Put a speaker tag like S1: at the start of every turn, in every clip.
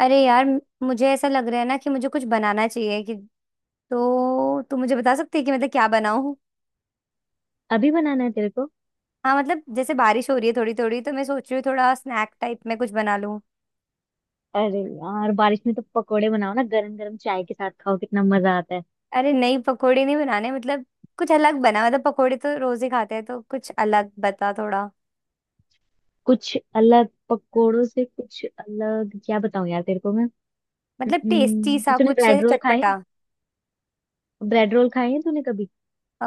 S1: अरे यार, मुझे ऐसा लग रहा है ना कि मुझे कुछ बनाना चाहिए कि तो तू मुझे बता सकती है कि मतलब क्या बनाऊं।
S2: अभी बनाना है तेरे को।
S1: हाँ, मतलब जैसे बारिश हो रही है थोड़ी थोड़ी, तो मैं सोच रही हूँ थोड़ा स्नैक टाइप में कुछ बना लूं।
S2: अरे यार, बारिश में तो पकोड़े बनाओ ना, गरम गरम चाय के साथ खाओ, कितना मजा आता है।
S1: अरे नहीं, पकोड़े नहीं बनाने मतलब कुछ अलग बना। मतलब पकोड़े तो रोज ही खाते हैं, तो कुछ अलग बता थोड़ा।
S2: कुछ अलग पकोड़ों से कुछ अलग क्या बताऊं यार तेरे को मैं।
S1: मतलब टेस्टी सा
S2: तूने
S1: कुछ
S2: ब्रेड
S1: ऐसे
S2: रोल खाए हैं?
S1: चटपटा।
S2: ब्रेड रोल खाए हैं तूने कभी?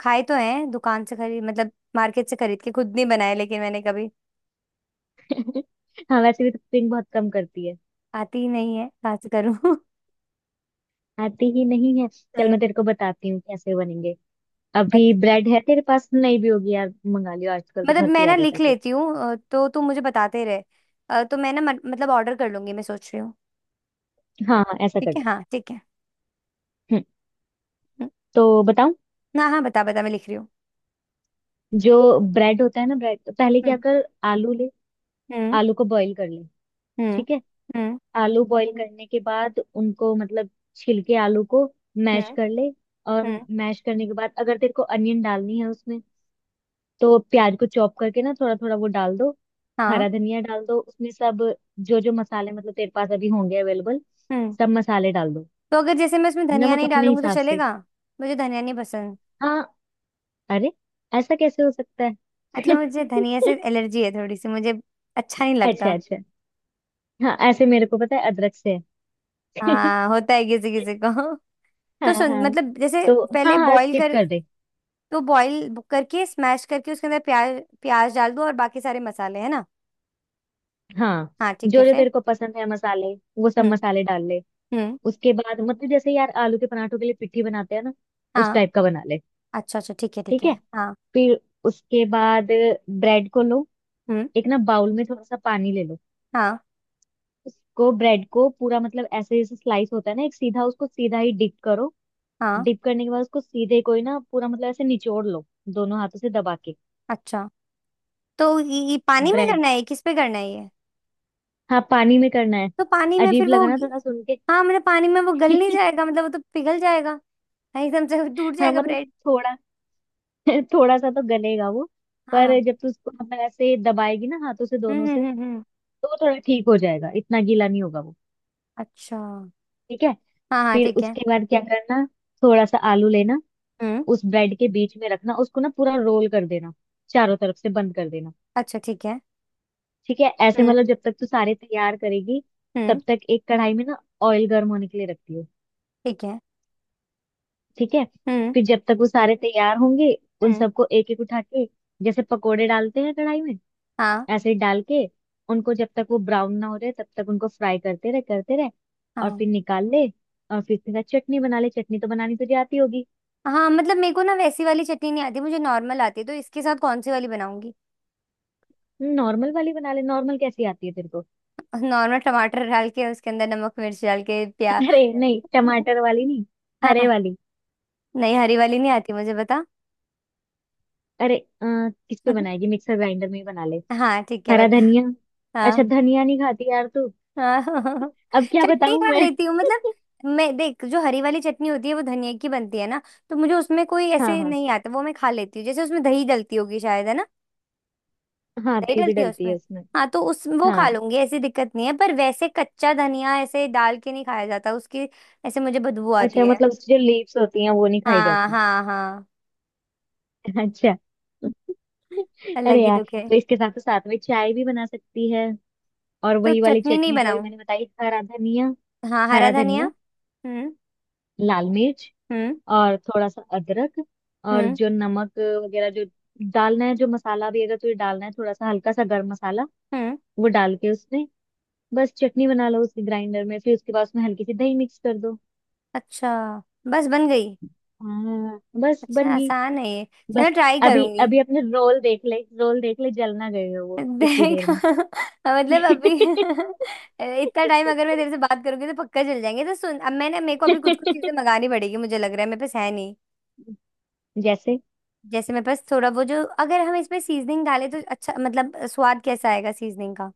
S1: खाए तो हैं दुकान से खरीद, मतलब मार्केट से खरीद के, खुद नहीं बनाए लेकिन मैंने कभी।
S2: हाँ, वैसे भी तो कुकिंग बहुत कम करती है।
S1: आती ही नहीं है, कहाँ से करूँ।
S2: आती ही नहीं है, चल मैं तेरे को बताती हूँ कैसे बनेंगे।
S1: हाँ।
S2: अभी ब्रेड है तेरे पास? नहीं भी होगी यार, मंगा लियो, आजकल तो
S1: मतलब
S2: घर पे
S1: मैं
S2: ही
S1: ना
S2: आ जाता
S1: लिख
S2: है सब।
S1: लेती हूँ। तो तुम मुझे बताते रहे। तो मैं ना मतलब ऑर्डर कर लूंगी, मैं सोच रही हूँ।
S2: हाँ हाँ, ऐसा कर
S1: ठीक है,
S2: ले।
S1: हाँ ठीक है।
S2: हम्म,
S1: हम्म।
S2: तो बताऊं?
S1: हाँ हाँ बता बता, मैं लिख रही हूँ।
S2: जो ब्रेड होता है ना, ब्रेड, पहले क्या
S1: हम्म
S2: कर, आलू ले।
S1: हम्म
S2: आलू को बॉईल कर ले।
S1: हम्म
S2: ठीक है।
S1: हम्म।
S2: आलू बॉईल करने के बाद उनको मतलब छिल के आलू को मैश
S1: हम्म
S2: कर ले। और
S1: हम्म।
S2: मैश करने के बाद, अगर तेरे को अनियन डालनी है उसमें, तो प्याज को चॉप करके ना थोड़ा थोड़ा वो डाल दो।
S1: हाँ।
S2: हरा धनिया डाल दो उसमें, सब जो जो मसाले मतलब तेरे पास अभी होंगे अवेलेबल,
S1: हम्म।
S2: सब मसाले डाल दो,
S1: तो अगर जैसे मैं उसमें धनिया
S2: नमक
S1: नहीं
S2: अपने
S1: डालूंगी तो
S2: हिसाब से।
S1: चलेगा? मुझे धनिया नहीं पसंद।
S2: हाँ। अरे, ऐसा कैसे हो सकता
S1: मतलब
S2: है?
S1: मुझे धनिया से एलर्जी है थोड़ी सी मुझे। अच्छा नहीं
S2: अच्छा
S1: लगता।
S2: अच्छा, हाँ ऐसे मेरे को पता है, अदरक से है।
S1: हाँ, होता है किसी किसी को।
S2: हाँ
S1: तो सुन,
S2: हाँ,
S1: मतलब जैसे
S2: तो हाँ
S1: पहले
S2: हाँ,
S1: बॉईल
S2: स्किप
S1: कर।
S2: कर दे।
S1: तो बॉईल करके स्मैश करके उसके अंदर प्याज प्याज डाल दो और बाकी सारे मसाले, है ना।
S2: हाँ,
S1: हाँ ठीक है,
S2: जो जो
S1: फिर।
S2: तेरे को पसंद है मसाले, वो सब
S1: हम्म
S2: मसाले डाल ले।
S1: हम्म।
S2: उसके बाद मतलब जैसे यार, आलू के पराठों के लिए पिट्ठी बनाते हैं ना, उस
S1: हाँ।
S2: टाइप का बना ले।
S1: अच्छा अच्छा ठीक है ठीक
S2: ठीक
S1: है।
S2: है,
S1: हाँ।
S2: फिर उसके बाद ब्रेड को लो।
S1: हम्म।
S2: एक ना बाउल में थोड़ा सा पानी ले लो।
S1: हाँ
S2: उसको ब्रेड को पूरा मतलब ऐसे जैसे स्लाइस होता है ना, एक सीधा, उसको सीधा ही डिप करो।
S1: हाँ।
S2: डिप करने के बाद उसको सीधे कोई ना पूरा मतलब ऐसे निचोड़ लो, दोनों हाथों से दबा के।
S1: अच्छा, तो ये पानी में
S2: ब्रेड।
S1: करना है, किस पे करना है ये?
S2: हाँ, पानी में करना है।
S1: तो पानी में
S2: अजीब
S1: फिर वो?
S2: लगा ना थोड़ा सुन के?
S1: हाँ, मतलब पानी में वो गल नहीं जाएगा? मतलब वो तो पिघल जाएगा। हाँ, एकदम से टूट
S2: हाँ
S1: जाएगा
S2: मतलब
S1: ब्रेड।
S2: थोड़ा। थोड़ा सा तो गलेगा वो, पर
S1: हाँ।
S2: जब तू उसको मतलब ऐसे दबाएगी ना हाथों से दोनों से,
S1: हम्म।
S2: तो वो थोड़ा ठीक हो जाएगा, इतना गीला नहीं होगा वो।
S1: अच्छा।
S2: ठीक है,
S1: हाँ हाँ
S2: फिर
S1: ठीक है।
S2: उसके बाद क्या करना, थोड़ा सा आलू लेना,
S1: हम्म।
S2: उस ब्रेड के बीच में रखना, उसको ना पूरा रोल कर देना, चारों तरफ से बंद कर देना।
S1: अच्छा ठीक है।
S2: ठीक है, ऐसे
S1: हम्म।
S2: मतलब जब तक तू सारे तैयार करेगी,
S1: हम्म।
S2: तब तक एक कढ़ाई में ना ऑयल गर्म होने के लिए रखती हो।
S1: ठीक है।
S2: ठीक है,
S1: हम्म।
S2: फिर जब तक वो सारे तैयार होंगे, उन
S1: हम्म।
S2: सबको एक एक उठा के, जैसे पकोड़े डालते हैं कढ़ाई में,
S1: हाँ
S2: एसिड डाल के, उनको जब तक वो ब्राउन ना हो रहे तब तक उनको फ्राई करते रहे करते रहे। और
S1: हाँ
S2: फिर निकाल ले। और फिर तेरा चटनी बना ले, चटनी तो बनानी तुझे आती होगी।
S1: हाँ। मतलब मेरे को ना वैसी वाली चटनी नहीं आती, मुझे नॉर्मल आती है, तो इसके साथ कौन सी वाली बनाऊंगी?
S2: नॉर्मल वाली बना ले, नॉर्मल कैसी आती है तेरे को?
S1: नॉर्मल टमाटर डाल के उसके अंदर नमक मिर्च डाल के प्याज।
S2: अरे नहीं, टमाटर वाली नहीं, हरे
S1: हाँ।
S2: वाली।
S1: नहीं हरी वाली नहीं आती, मुझे बता।
S2: अरे। अ, किस पे बनाएगी? मिक्सर ग्राइंडर में ही बना ले।
S1: हाँ ठीक है
S2: हरा
S1: बता।
S2: धनिया।
S1: हाँ
S2: अच्छा, धनिया नहीं खाती यार तू?
S1: हाँ।
S2: अब क्या
S1: चटनी
S2: बताऊं
S1: खा
S2: मैं?
S1: लेती हूँ मतलब। मैं देख जो हरी वाली चटनी होती है वो धनिया की बनती है ना। तो मुझे उसमें कोई
S2: हाँ
S1: ऐसे
S2: हाँ।
S1: नहीं आता, वो मैं खा लेती हूँ, जैसे उसमें दही डलती होगी शायद, है ना?
S2: हाँ
S1: नहीं
S2: दही भी
S1: डलती है
S2: डलती है
S1: उसमें।
S2: उसमें।
S1: हाँ तो उस वो खा
S2: हाँ।
S1: लूंगी, ऐसी दिक्कत नहीं है, पर वैसे कच्चा धनिया ऐसे डाल के नहीं खाया जाता उसकी। ऐसे मुझे बदबू आती
S2: अच्छा,
S1: है।
S2: मतलब उसकी जो लीव्स होती हैं वो नहीं खाई
S1: हाँ
S2: जाती?
S1: हाँ हाँ।
S2: अच्छा।
S1: अलग
S2: अरे
S1: ही
S2: यार,
S1: दुख है।
S2: तो इसके साथ तो साथ में चाय भी बना सकती है, और
S1: तो
S2: वही वाली
S1: चटनी नहीं
S2: चटनी जो अभी
S1: बनाऊं?
S2: मैंने बताई, हरा धनिया।
S1: हाँ हरा
S2: हरा
S1: धनिया।
S2: धनिया,
S1: हम्म
S2: लाल मिर्च
S1: हम्म
S2: और थोड़ा सा अदरक, और
S1: हम्म
S2: जो नमक वगैरह जो डालना है, जो मसाला भी अगर तुझे डालना है थोड़ा सा, हल्का सा गर्म मसाला,
S1: हम्म।
S2: वो डाल के उसमें बस चटनी बना लो उसकी ग्राइंडर में, फिर उसके बाद उसमें हल्की सी दही मिक्स कर दो।
S1: अच्छा। बस बन गई?
S2: हाँ बस
S1: अच्छा,
S2: बन गई।
S1: आसान है ये। चलो,
S2: बस
S1: ट्राई
S2: अभी
S1: करूंगी।
S2: अभी अपने रोल देख ले, रोल देख ले, जल ना गए हो वो इतनी देर
S1: देखा
S2: में।
S1: मतलब अभी इतना टाइम अगर मैं तेरे से बात करूंगी तो पक्का चल जाएंगे। तो सुन, अब मैंने, मेरे को अभी कुछ कुछ चीजें मंगानी पड़ेगी, मुझे लग रहा है मेरे पास है नहीं।
S2: जैसे।
S1: जैसे मेरे पास थोड़ा वो जो, अगर हम इसमें सीजनिंग डालें तो अच्छा, मतलब स्वाद कैसा आएगा सीजनिंग का?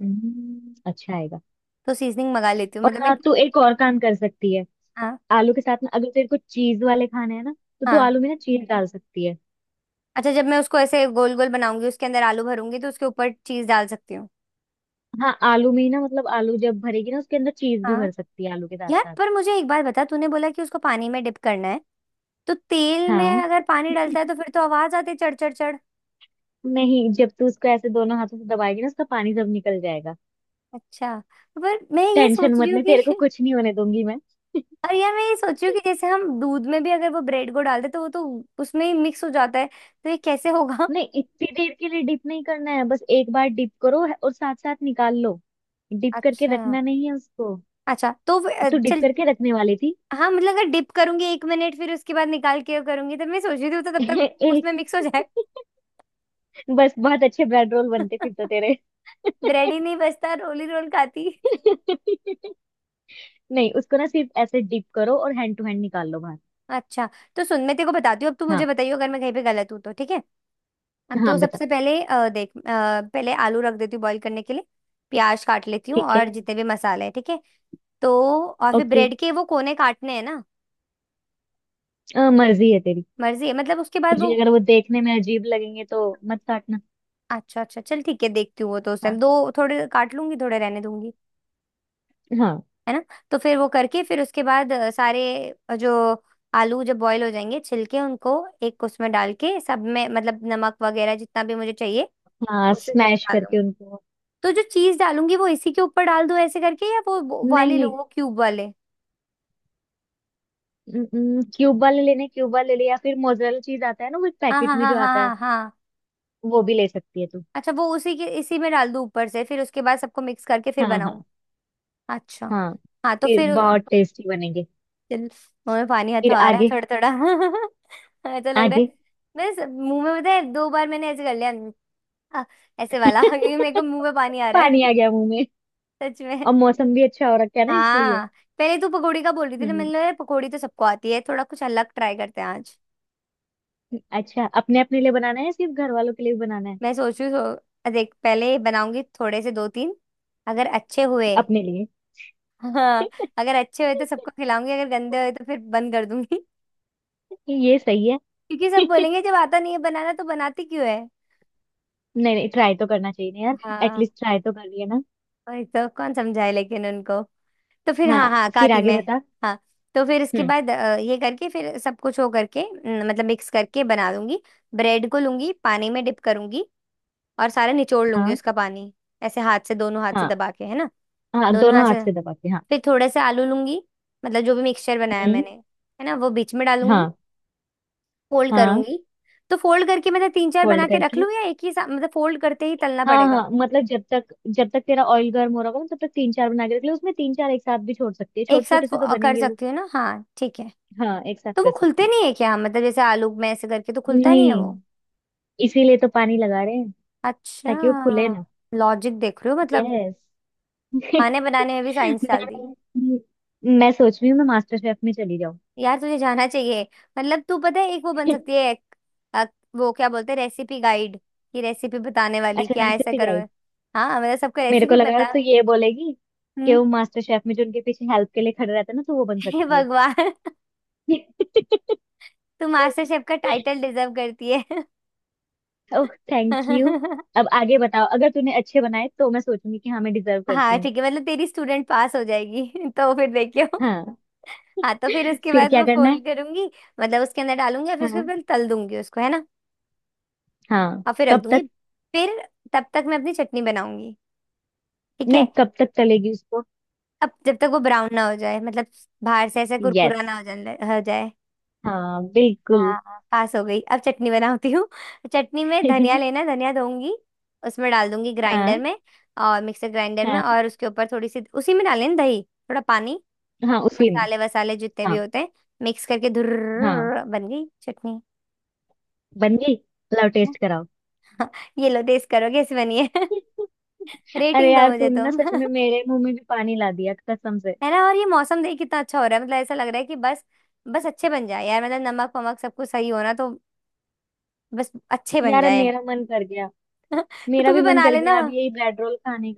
S2: अच्छा आएगा।
S1: तो सीजनिंग मंगा लेती हूँ
S2: और
S1: मतलब मैं।
S2: हाँ, तू एक और काम कर सकती है,
S1: हाँ।
S2: आलू के साथ में अगर तेरे को चीज वाले खाने हैं ना, तो तू
S1: हाँ।
S2: आलू में ना चीज डाल सकती है।
S1: अच्छा, जब मैं उसको ऐसे गोल गोल बनाऊंगी उसके अंदर आलू भरूंगी तो उसके ऊपर चीज डाल सकती हूँ?
S2: हाँ, आलू में ही ना मतलब आलू जब भरेगी ना उसके अंदर, चीज भी
S1: हाँ।
S2: भर सकती है आलू के साथ
S1: यार
S2: साथ।
S1: पर मुझे एक बात बता, तूने बोला कि उसको पानी में डिप करना है। तो तेल में
S2: हाँ।
S1: अगर पानी डलता है तो फिर तो आवाज आती है, चढ़ चढ़ चढ़।
S2: नहीं, जब तू उसको ऐसे दोनों हाथों से दबाएगी ना, उसका पानी सब निकल जाएगा।
S1: अच्छा। पर मैं ये
S2: टेंशन
S1: सोच रही
S2: मत
S1: हूँ
S2: ले, तेरे को
S1: कि
S2: कुछ नहीं होने दूंगी मैं।
S1: और यार मैं ये सोच रही हूँ कि जैसे हम दूध में भी अगर वो ब्रेड को डालते तो वो तो उसमें ही मिक्स हो जाता है। तो ये कैसे होगा?
S2: नहीं, इतनी देर के लिए डिप नहीं करना है, बस एक बार डिप करो और साथ साथ निकाल लो। डिप करके
S1: अच्छा।
S2: रखना नहीं है उसको।
S1: अच्छा तो
S2: तो डिप
S1: चल।
S2: करके रखने वाली थी?
S1: हाँ, मतलब अगर डिप करूंगी एक मिनट फिर उसके बाद निकाल के करूंगी तो मैं सोच रही थी वो तो तब तक उसमें
S2: एक।
S1: मिक्स हो जाए।
S2: बस बहुत अच्छे ब्रेड रोल बनते फिर तो तेरे।
S1: ब्रेड ही नहीं बचता, रोल ही रोल खाती।
S2: नहीं, उसको ना सिर्फ ऐसे डिप करो और हैंड टू हैंड निकाल लो बाहर।
S1: अच्छा। तो सुन, मैं तेरे को बताती हूँ, अब तू मुझे
S2: हाँ
S1: बताइयो अगर मैं कहीं पे गलत हूँ तो ठीक है।
S2: हाँ,
S1: तो
S2: बता।
S1: सबसे पहले देख पहले आलू रख देती हूँ बॉईल करने के लिए। प्याज काट लेती हूँ
S2: ठीक है।
S1: और जितने भी मसाले हैं, ठीक है। तो, और फिर
S2: ओके।
S1: ब्रेड के वो कोने काटने हैं ना?
S2: मर्जी है तेरी।
S1: मर्जी है, मतलब उसके बाद
S2: तुझे
S1: वो।
S2: अगर वो देखने में अजीब लगेंगे तो मत काटना।
S1: अच्छा अच्छा चल ठीक है, देखती हूँ वो तो उस टाइम
S2: हाँ
S1: दो। थोड़े काट लूंगी, थोड़े रहने दूंगी,
S2: हाँ
S1: है ना। तो फिर वो करके, फिर उसके बाद सारे जो आलू जब बॉईल हो जाएंगे, छिलके उनको एक उसमें डाल के, सब में मतलब नमक वगैरह जितना भी मुझे चाहिए
S2: हाँ,
S1: उस हिसाब से
S2: स्मैश
S1: डाल
S2: करके
S1: दूंगी।
S2: उनको।
S1: तो जो चीज डालूंगी वो इसी के ऊपर डाल दूं ऐसे करके, या वो
S2: नहीं
S1: वाले लो,
S2: नहीं,
S1: वो क्यूब वाले?
S2: क्यूब वाले लेने, क्यूब वाले ले, या फिर मोजरेला चीज आता है ना वो एक
S1: हाँ
S2: पैकेट
S1: हाँ
S2: में
S1: हाँ
S2: जो
S1: हाँ
S2: आता है,
S1: हाँ हाँ।
S2: वो भी ले सकती है तू।
S1: अच्छा, वो उसी के इसी में डाल दूं ऊपर से, फिर उसके बाद सबको मिक्स करके फिर
S2: हाँ
S1: बनाऊं?
S2: हाँ
S1: अच्छा।
S2: हाँ,
S1: हाँ तो
S2: फिर
S1: फिर।
S2: बहुत टेस्टी बनेंगे।
S1: चल। मुंह में पानी
S2: फिर
S1: हाथों आ रहा है
S2: आगे।
S1: थोड़ा थोड़ा ऐसा लग रहा है।
S2: आगे।
S1: बस मुंह में, पता है, दो बार मैंने ऐसे कर लिया। हाँ, ऐसे वाला क्योंकि मेरे को मुंह में पानी आ रहा है
S2: पानी आ गया मुंह में।
S1: सच में।
S2: और मौसम भी अच्छा हो रखा है ना, इसलिए।
S1: हाँ। पहले तू पकौड़ी का बोल रही थी ना, मैंने
S2: हम्म
S1: बोला, पकौड़ी तो सबको आती है, थोड़ा कुछ अलग ट्राई करते हैं आज।
S2: अच्छा, अपने अपने लिए बनाना है या सिर्फ घर वालों के लिए भी बनाना है?
S1: मैं सोच रही हूँ देख पहले बनाऊंगी थोड़े से दो तीन, अगर अच्छे हुए।
S2: अपने लिए।
S1: हाँ, अगर अच्छे हुए तो सबको खिलाऊंगी, अगर गंदे हुए तो फिर बंद कर दूंगी।
S2: ये सही है।
S1: क्योंकि सब बोलेंगे, जब आता नहीं है बनाना तो बनाती क्यों है।
S2: नहीं नहीं, ट्राई तो करना चाहिए ना यार।
S1: हाँ।
S2: एटलीस्ट ट्राई तो कर लिया ना।
S1: वही तो, कौन समझाए लेकिन उनको। तो फिर,
S2: हाँ,
S1: हाँ हाँ
S2: फिर
S1: काती
S2: आगे
S1: में।
S2: बता।
S1: हाँ। तो फिर इसके
S2: हम्म।
S1: बाद ये करके फिर सब कुछ हो करके न, मतलब मिक्स करके बना लूंगी। ब्रेड को लूंगी पानी में डिप करूंगी और सारा निचोड़ लूंगी
S2: हाँ
S1: उसका पानी। ऐसे हाथ से, दोनों हाथ से
S2: हाँ
S1: दबा के, है ना।
S2: हाँ,
S1: दोनों
S2: दोनों
S1: हाथ
S2: हाथ
S1: से।
S2: से दबा के।
S1: फिर थोड़े से आलू लूंगी, मतलब जो भी मिक्सचर बनाया
S2: हम्म।
S1: मैंने, है ना, वो बीच में डालूंगी,
S2: हाँ
S1: फोल्ड
S2: हाँ,
S1: करूंगी। तो फोल्ड करके मतलब तीन चार
S2: फोल्ड
S1: बना के रख
S2: करके।
S1: लूं, या एक ही साथ मतलब फोल्ड करते ही तलना
S2: हाँ
S1: पड़ेगा?
S2: हाँ, मतलब जब तक तेरा ऑयल गर्म हो रहा होगा ना, तब तक तीन चार बना के रख ले, उसमें तीन चार एक साथ भी छोड़ सकती है, छोटे
S1: एक साथ
S2: छोटे से तो
S1: कर
S2: बनेंगे वो।
S1: सकती हूँ ना, हाँ ठीक है।
S2: हाँ एक साथ
S1: तो वो
S2: कर सकती
S1: खुलते
S2: है।
S1: नहीं है क्या? मतलब जैसे आलू में ऐसे करके तो खुलता नहीं है
S2: नहीं,
S1: वो?
S2: इसीलिए तो पानी लगा रहे हैं,
S1: अच्छा।
S2: ताकि वो खुले ना।
S1: लॉजिक देख रही हो मतलब।
S2: यस।
S1: खाने बनाने में भी साइंस डाल दी।
S2: मैं मैं सोच रही हूँ मैं मास्टर शेफ में चली जाऊँ।
S1: यार तुझे जाना चाहिए। मतलब तू, पता है, एक वो बन सकती है एक, अ, वो क्या बोलते हैं, रेसिपी गाइड। की रेसिपी बताने वाली,
S2: अच्छा,
S1: क्या ऐसा
S2: रेसिपी
S1: करो।
S2: गाइड।
S1: हाँ, मतलब सबको
S2: मेरे को
S1: रेसिपी
S2: लगा
S1: बता।
S2: तो ये बोलेगी कि
S1: हम्म।
S2: वो मास्टर शेफ में जो उनके पीछे हेल्प के लिए खड़े रहते हैं ना, तो वो बन
S1: हे
S2: सकती
S1: भगवान।
S2: है।
S1: तू मास्टर शेफ का टाइटल डिजर्व करती है।
S2: Oh, thank you. अब आगे बताओ, अगर तूने अच्छे बनाए तो मैं सोचूंगी कि हाँ मैं डिजर्व करती
S1: हाँ
S2: हूँ।
S1: ठीक है, मतलब तेरी स्टूडेंट पास हो जाएगी। तो फिर देखियो।
S2: हाँ।
S1: हाँ तो फिर उसके
S2: फिर
S1: बाद
S2: क्या
S1: वो
S2: करना है?
S1: फोल्ड करूंगी, मतलब उसके अंदर डालूंगी और फिर उसके
S2: हाँ
S1: बाद तल दूंगी उसको, है ना।
S2: हाँ।
S1: और फिर रख
S2: कब
S1: दूंगी।
S2: तक?
S1: फिर तब तक मैं अपनी चटनी बनाऊंगी। ठीक है।
S2: नहीं, कब तक चलेगी उसको?
S1: अब जब तक वो ब्राउन ना हो जाए, मतलब बाहर से ऐसा कुरकुरा
S2: यस।
S1: ना हो जाए हो जाए।
S2: हाँ बिल्कुल।
S1: हाँ हाँ, पास हो गई, अब चटनी बनाती हूँ। चटनी में धनिया लेना, धनिया धोऊंगी, उसमें डाल दूंगी ग्राइंडर
S2: हाँ
S1: में, और मिक्सर ग्राइंडर में,
S2: हाँ
S1: और उसके ऊपर थोड़ी सी उसी में डालें दही, थोड़ा पानी,
S2: हाँ, उसी में।
S1: मसाले वसाले जितने भी
S2: हाँ
S1: होते हैं, मिक्स करके धुर
S2: हाँ
S1: बन गई चटनी।
S2: बन गई। लाओ टेस्ट कराओ।
S1: ये लो टेस्ट करो कैसी बनी है।
S2: अरे
S1: रेटिंग दो
S2: यार,
S1: मुझे
S2: तूने ना
S1: तुम।
S2: सच में मेरे मुंह में भी पानी ला दिया कसम से।
S1: है ना। और ये मौसम देख कितना अच्छा हो रहा है, मतलब ऐसा लग रहा है कि बस, बस अच्छे बन जाए यार, मतलब नमक वमक सब कुछ सही होना तो। बस अच्छे बन
S2: यार, अब
S1: जाए।
S2: मेरा मन कर गया।
S1: तो तू
S2: मेरा भी
S1: भी
S2: मन
S1: बना
S2: कर
S1: लेना।
S2: गया अब यही ब्रेड रोल खाने।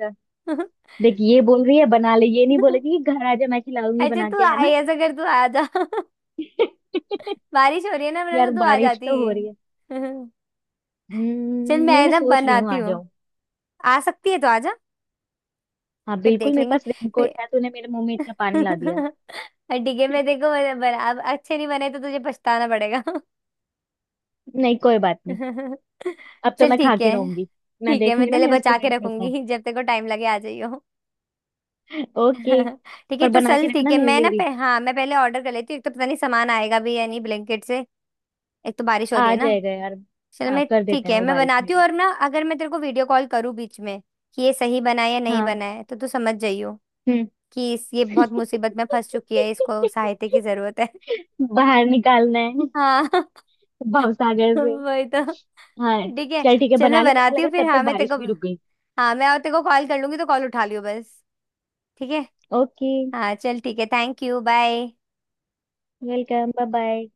S2: देख, ये बोल रही है बना ले, ये नहीं बोलेगी कि घर आजा मैं खिलाऊंगी
S1: अच्छा,
S2: बना
S1: तू
S2: के, है
S1: आए
S2: ना?
S1: ऐसा कर, तू आ जा। बारिश हो रही है ना, वरना
S2: यार,
S1: तो तू आ
S2: बारिश
S1: जाती।
S2: तो हो रही है।
S1: चल,
S2: नहीं
S1: मैं
S2: मैं
S1: ना
S2: सोच रही हूँ
S1: बनाती
S2: आ
S1: हूँ,
S2: जाऊँ।
S1: आ सकती है तो आ जा,
S2: हाँ
S1: फिर
S2: बिल्कुल,
S1: देख
S2: मेरे
S1: लेंगे।
S2: पास
S1: फिर
S2: रेनकोट है, तूने मेरे मुंह में इतना पानी ला दिया।
S1: और ठीक है मैं, देखो बना अब, अच्छे नहीं बने तो तुझे पछताना पड़ेगा।
S2: नहीं, कोई बात नहीं। अब तो
S1: चल
S2: मैं खा
S1: ठीक
S2: के
S1: है।
S2: रहूंगी। मैं
S1: ठीक है, मैं
S2: देखूंगी
S1: तेरे
S2: ना
S1: लिए
S2: मेरा
S1: बचा के
S2: स्टूडेंट कैसा
S1: रखूंगी,
S2: है।
S1: जब तेरे को टाइम लगे आ जाइयो।
S2: ओके,
S1: ठीक है
S2: पर
S1: तो
S2: बना के
S1: चल ठीक
S2: रखना
S1: है,
S2: मेरे
S1: मैं
S2: लिए
S1: ना
S2: भी।
S1: हाँ मैं पहले ऑर्डर कर लेती हूँ, एक तो पता नहीं सामान आएगा भी या नहीं ब्लैंकेट से। एक तो बारिश हो रही
S2: आ
S1: है ना।
S2: जाएगा यार।
S1: चल,
S2: हाँ,
S1: मैं।
S2: कर देते
S1: ठीक
S2: हैं
S1: है
S2: वो
S1: मैं
S2: बारिश में
S1: बनाती हूँ,
S2: भी।
S1: और ना अगर मैं तेरे को वीडियो कॉल करूँ बीच में कि ये सही बना है या नहीं
S2: हाँ।
S1: बना है, तो तू समझ जाइयो
S2: हम्म।
S1: कि इस ये बहुत मुसीबत में फंस चुकी है, इसको सहायता की जरूरत है।
S2: बाहर निकालना है।
S1: हाँ।
S2: भवसागर।
S1: वही तो।
S2: हाँ।
S1: ठीक है।
S2: चल ठीक है,
S1: चल मैं
S2: बना ले, पता
S1: बनाती
S2: लगा
S1: हूँ फिर,
S2: तब तक
S1: हाँ मैं तेरे
S2: बारिश
S1: को,
S2: भी रुक गई।
S1: हाँ मैं और तेरे को कॉल कर लूंगी तो कॉल उठा लियो, बस ठीक है।
S2: ओके,
S1: हाँ चल ठीक है, thank you bye.
S2: Welcome, bye bye.